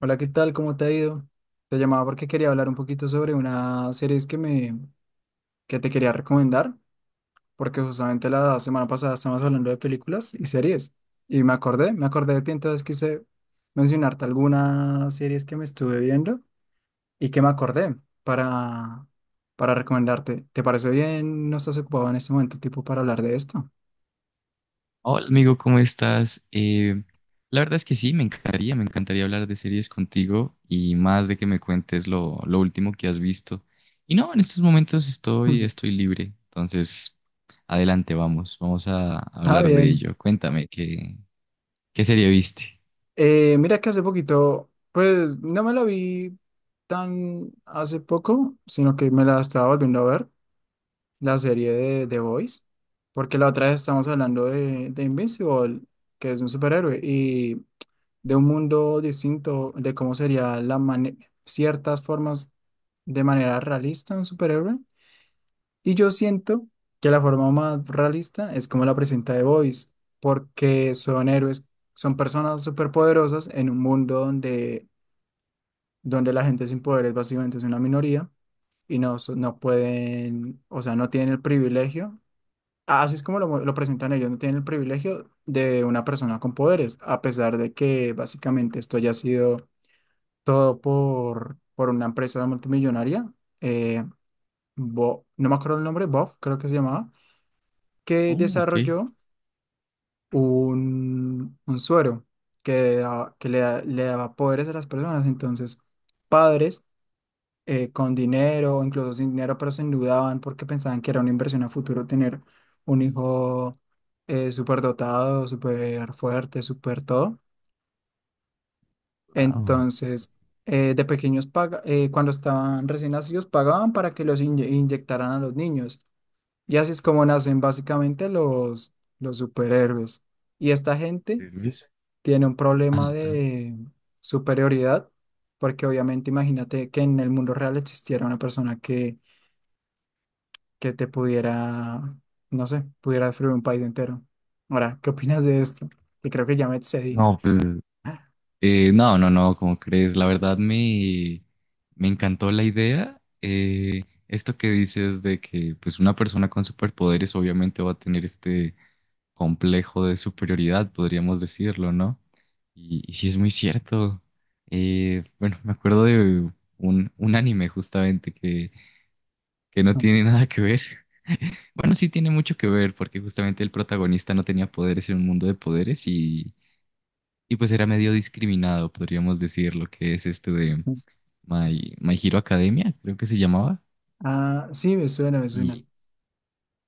Hola, ¿qué tal? ¿Cómo te ha ido? Te llamaba porque quería hablar un poquito sobre una serie que te quería recomendar, porque justamente la semana pasada estábamos hablando de películas y series y me acordé de ti, entonces quise mencionarte algunas series que me estuve viendo y que me acordé para para recomendarte. ¿Te parece bien? ¿No estás ocupado en este momento, tipo, para hablar de esto? Hola amigo, ¿cómo estás? La verdad es que sí, me encantaría hablar de series contigo y más de que me cuentes lo último que has visto. Y no, en estos momentos estoy libre, entonces adelante, vamos a Ah, hablar de bien. ello. Cuéntame, ¿qué serie viste? Mira que hace poquito, pues no me la vi tan hace poco, sino que me la estaba volviendo a ver, la serie de The Boys, porque la otra vez estábamos hablando de Invincible, que es un superhéroe, y de un mundo distinto, de cómo sería ciertas formas de manera realista un superhéroe. Y yo siento que la forma más realista es como la presenta The Voice, porque son héroes, son personas superpoderosas en un mundo donde la gente sin poderes básicamente es una minoría y no, no pueden, o sea, no tienen el privilegio. Así es como lo presentan ellos, no tienen el privilegio de una persona con poderes, a pesar de que básicamente esto ya ha sido todo por una empresa multimillonaria. eh, no me acuerdo el nombre, Bob creo que se llamaba, que Oh, ok. desarrolló un suero que, da- que le, da- le daba poderes a las personas. Entonces, padres con dinero o incluso sin dinero, pero se endeudaban porque pensaban que era una inversión a futuro tener un hijo súper dotado, súper fuerte, súper todo. Wow. Entonces, cuando estaban recién nacidos, pagaban para que los inyectaran a los niños. Y así es como nacen básicamente los superhéroes. Y esta gente Luis. tiene un problema Ajá, ajá. de superioridad, porque obviamente imagínate que en el mundo real existiera una persona que te no sé, pudiera destruir un país entero. Ahora, ¿qué opinas de esto? Que creo que ya me excedí. No, pues no, no, no, ¿cómo crees? Me encantó la idea. Esto que dices de que pues una persona con superpoderes obviamente va a tener este complejo de superioridad, podríamos decirlo, ¿no? Y sí es muy cierto. Bueno, me acuerdo de un anime justamente que no tiene nada que ver. Bueno, sí tiene mucho que ver porque justamente el protagonista no tenía poderes en un mundo de poderes y pues era medio discriminado, podríamos decir, lo que es este de My Hero Academia, creo que se llamaba. Ah, sí, me suena, me suena. Y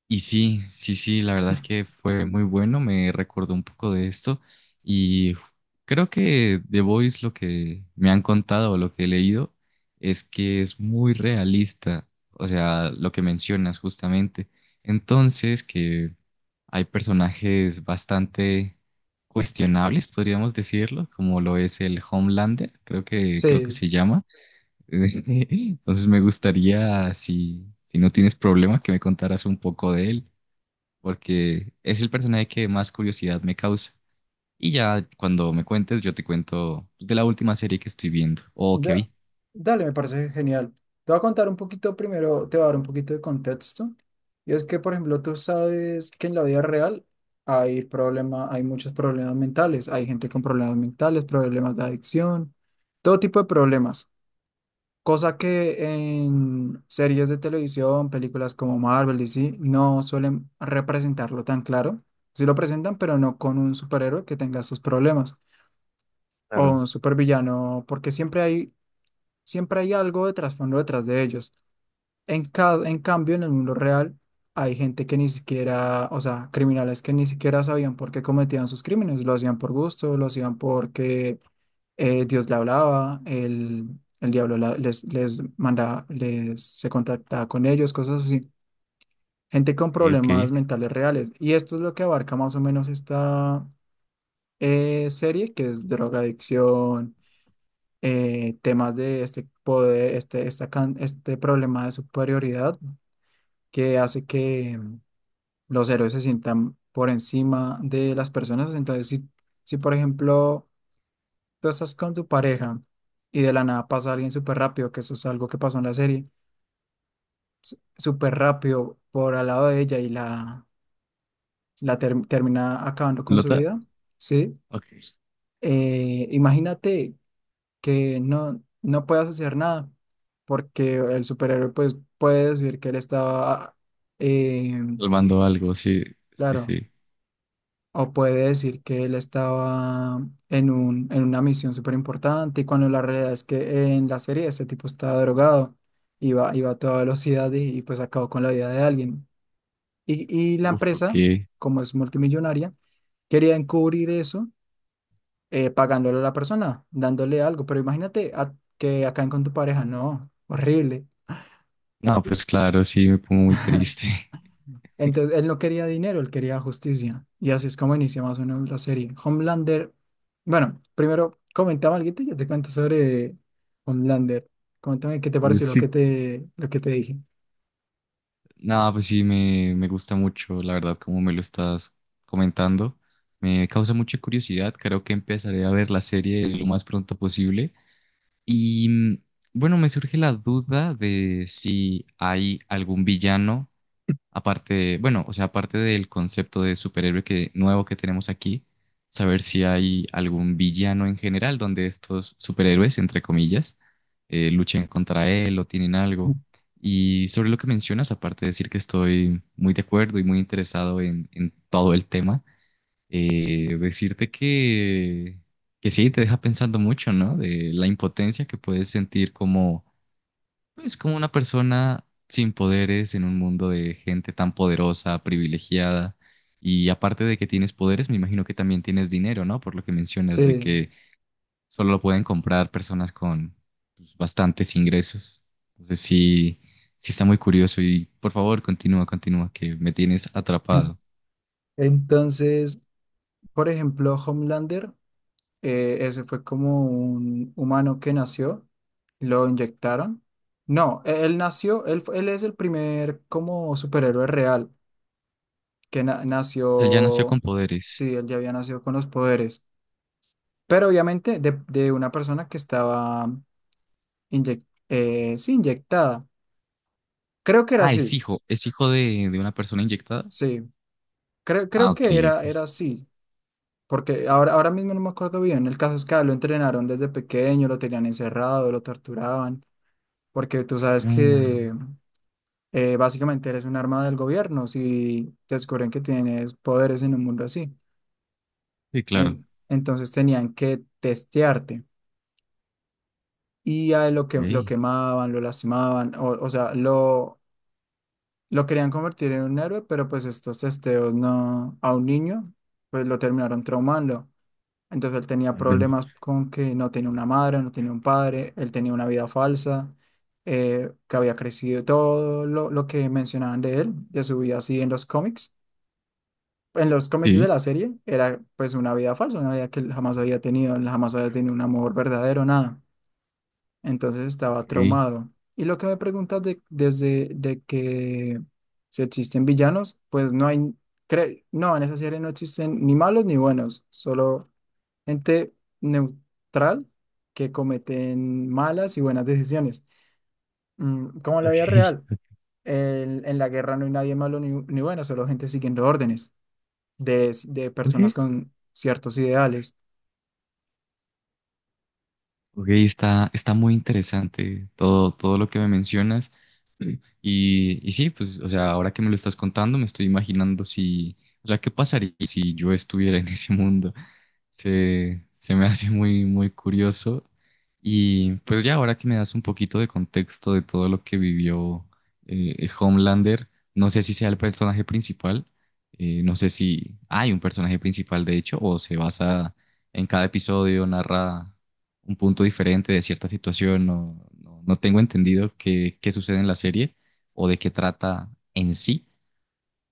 y sí, sí, sí, la verdad es que fue muy bueno, me recordó un poco de esto y creo que The Voice lo que me han contado o lo que he leído es que es muy realista, o sea, lo que mencionas justamente. Entonces, que hay personajes bastante cuestionables, podríamos decirlo, como lo es el Homelander, creo que Sí, se llama. Entonces, me gustaría si si no tienes problema que me contaras un poco de él porque es el personaje que más curiosidad me causa. Y ya cuando me cuentes, yo te cuento de la última serie que estoy viendo o que Da- vi. dale, me parece genial. Te voy a contar un poquito primero, te voy a dar un poquito de contexto. Y es que, por ejemplo, tú sabes que en la vida real hay muchos problemas mentales. Hay gente con problemas mentales, problemas de adicción, todo tipo de problemas. Cosa que en series de televisión, películas como Marvel y sí, no suelen representarlo tan claro. Sí lo presentan, pero no con un superhéroe que tenga esos problemas o Claro. un supervillano, porque siempre hay algo de trasfondo detrás de ellos. En cambio, en el mundo real hay gente que ni siquiera, o sea, criminales que ni siquiera sabían por qué cometían sus crímenes. Lo hacían por gusto, lo hacían porque Dios le hablaba, el diablo les manda, les se contactaba con ellos, cosas así. Gente con Ok, problemas ok. mentales reales. Y esto es lo que abarca más o menos esta serie, que es drogadicción, temas de este poder, este problema de superioridad que hace que los héroes se sientan por encima de las personas. Entonces, si por ejemplo tú estás con tu pareja y de la nada pasa alguien súper rápido, que eso es algo que pasó en la serie, súper rápido por al lado de ella y termina acabando con su Lota, vida, ¿sí? ok. Imagínate que no puede hacer nada, porque el superhéroe pues puede decir que él estaba, eh, Salvando algo, sí, sí, claro, sí. o puede decir que él estaba en en una misión súper importante, y cuando la realidad es que en la serie este tipo estaba drogado, iba a toda velocidad y pues acabó con la vida de alguien. Y la Uf, ok. empresa, como es multimillonaria, quería encubrir eso, pagándole a la persona, dándole algo. Pero imagínate que acaben con tu pareja, no, horrible. No, Y- pues claro, sí, me pongo muy triste. Entonces, él no quería dinero, él quería justicia. Y así es como inicia más o menos la serie. Homelander, bueno, primero comentaba algo y yo te cuento sobre Homelander. Coméntame qué te pareció sí. Lo que te dije. No, pues sí, me gusta mucho, la verdad, como me lo estás comentando. Me causa mucha curiosidad. Creo que empezaré a ver la serie lo más pronto posible. Y bueno, me surge la duda de si hay algún villano, aparte de- bueno, o sea, aparte del concepto de superhéroe que, nuevo que tenemos aquí, saber si hay algún villano en general donde estos superhéroes, entre comillas, luchen contra él o tienen algo. Y sobre lo que mencionas, aparte de decir que estoy muy de acuerdo y muy interesado en todo el tema, eh, decirte que sí, te deja pensando mucho, ¿no? De la impotencia que puedes sentir como, pues, como una persona sin poderes en un mundo de gente tan poderosa, privilegiada. Y aparte de que tienes poderes, me imagino que también tienes dinero, ¿no? Por lo que mencionas de Sí. que solo lo pueden comprar personas con pues, bastantes ingresos. Entonces sí, sí está muy curioso y por favor, continúa, que me tienes atrapado. Entonces, por ejemplo, Homelander. Ese fue como un humano que nació, lo inyectaron. No, él nació, él es el primer como superhéroe real Él ya nació con nació, poderes. sí, él ya había nacido con los poderes, pero obviamente de una persona que estaba inyec- sí, inyectada. Creo que era Ah, así, es hijo de una persona inyectada. sí, Ah, creo ok, que ok. era así. Porque ahora mismo no me acuerdo bien. El caso es que a él lo entrenaron desde pequeño, lo tenían encerrado, lo torturaban. Porque tú sabes Ah, que básicamente eres un arma del gobierno si descubren que tienes poderes en un mundo así. sí, claro. Entonces tenían que testearte, y a él lo que lo Ok. quemaban, lo lastimaban, o sea, lo querían convertir en un héroe, pero pues estos testeos no, a un niño, pues lo terminaron traumando. Entonces él tenía Enten- problemas con que no tenía una madre, no tenía un padre, él tenía una vida falsa que había crecido, todo lo que mencionaban de él, de su vida así en los cómics sí, de la serie era pues una vida falsa, una vida que él jamás había tenido, él jamás había tenido un amor verdadero, nada. Entonces ok. estaba traumado. Y lo que me preguntas de, desde de que si existen villanos, pues no hay, no, en esa serie no existen ni malos ni buenos, solo gente neutral que cometen malas y buenas decisiones. Mm, como en la vida Ok. real, en la guerra no hay nadie malo ni bueno, solo gente siguiendo órdenes de Ok. personas con ciertos ideales. Ok, está muy interesante todo, todo lo que me mencionas. Y, y sí, pues, o sea, ahora que me lo estás contando, me estoy imaginando si, o sea, qué pasaría si yo estuviera en ese mundo. Se me hace muy, muy curioso. Y pues ya ahora que me das un poquito de contexto de todo lo que vivió Homelander, no sé si sea el personaje principal, no sé si hay un personaje principal de hecho, o se basa en cada episodio, narra un punto diferente de cierta situación. No, no, no tengo entendido qué sucede en la serie o de qué trata en sí,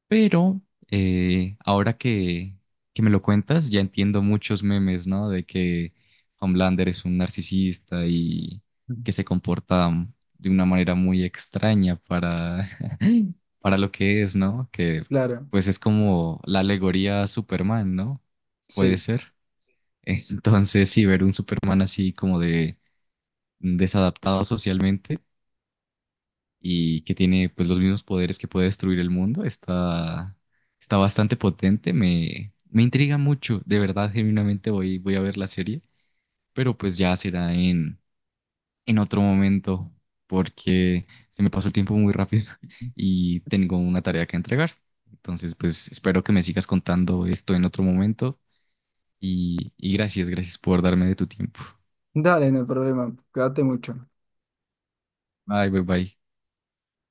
pero ahora que me lo cuentas, ya entiendo muchos memes, ¿no? De que Homelander es un narcisista y Ujú. que se comporta de una manera muy extraña para, para lo que es, ¿no? Que Claro, pues es como la alegoría a Superman, ¿no? Puede sí. ser. Entonces, sí, ver un Superman así como de desadaptado socialmente y que tiene pues los mismos poderes que puede destruir el mundo. Está bastante potente, me intriga mucho, de verdad, genuinamente voy a ver la serie, pero pues ya será en otro momento porque se me pasó el tiempo muy rápido y tengo una tarea que entregar. Entonces, pues espero que me sigas contando esto en otro momento y gracias, gracias por darme de tu tiempo. Dale, no hay problema. Cuídate mucho. Bye, bye, bye.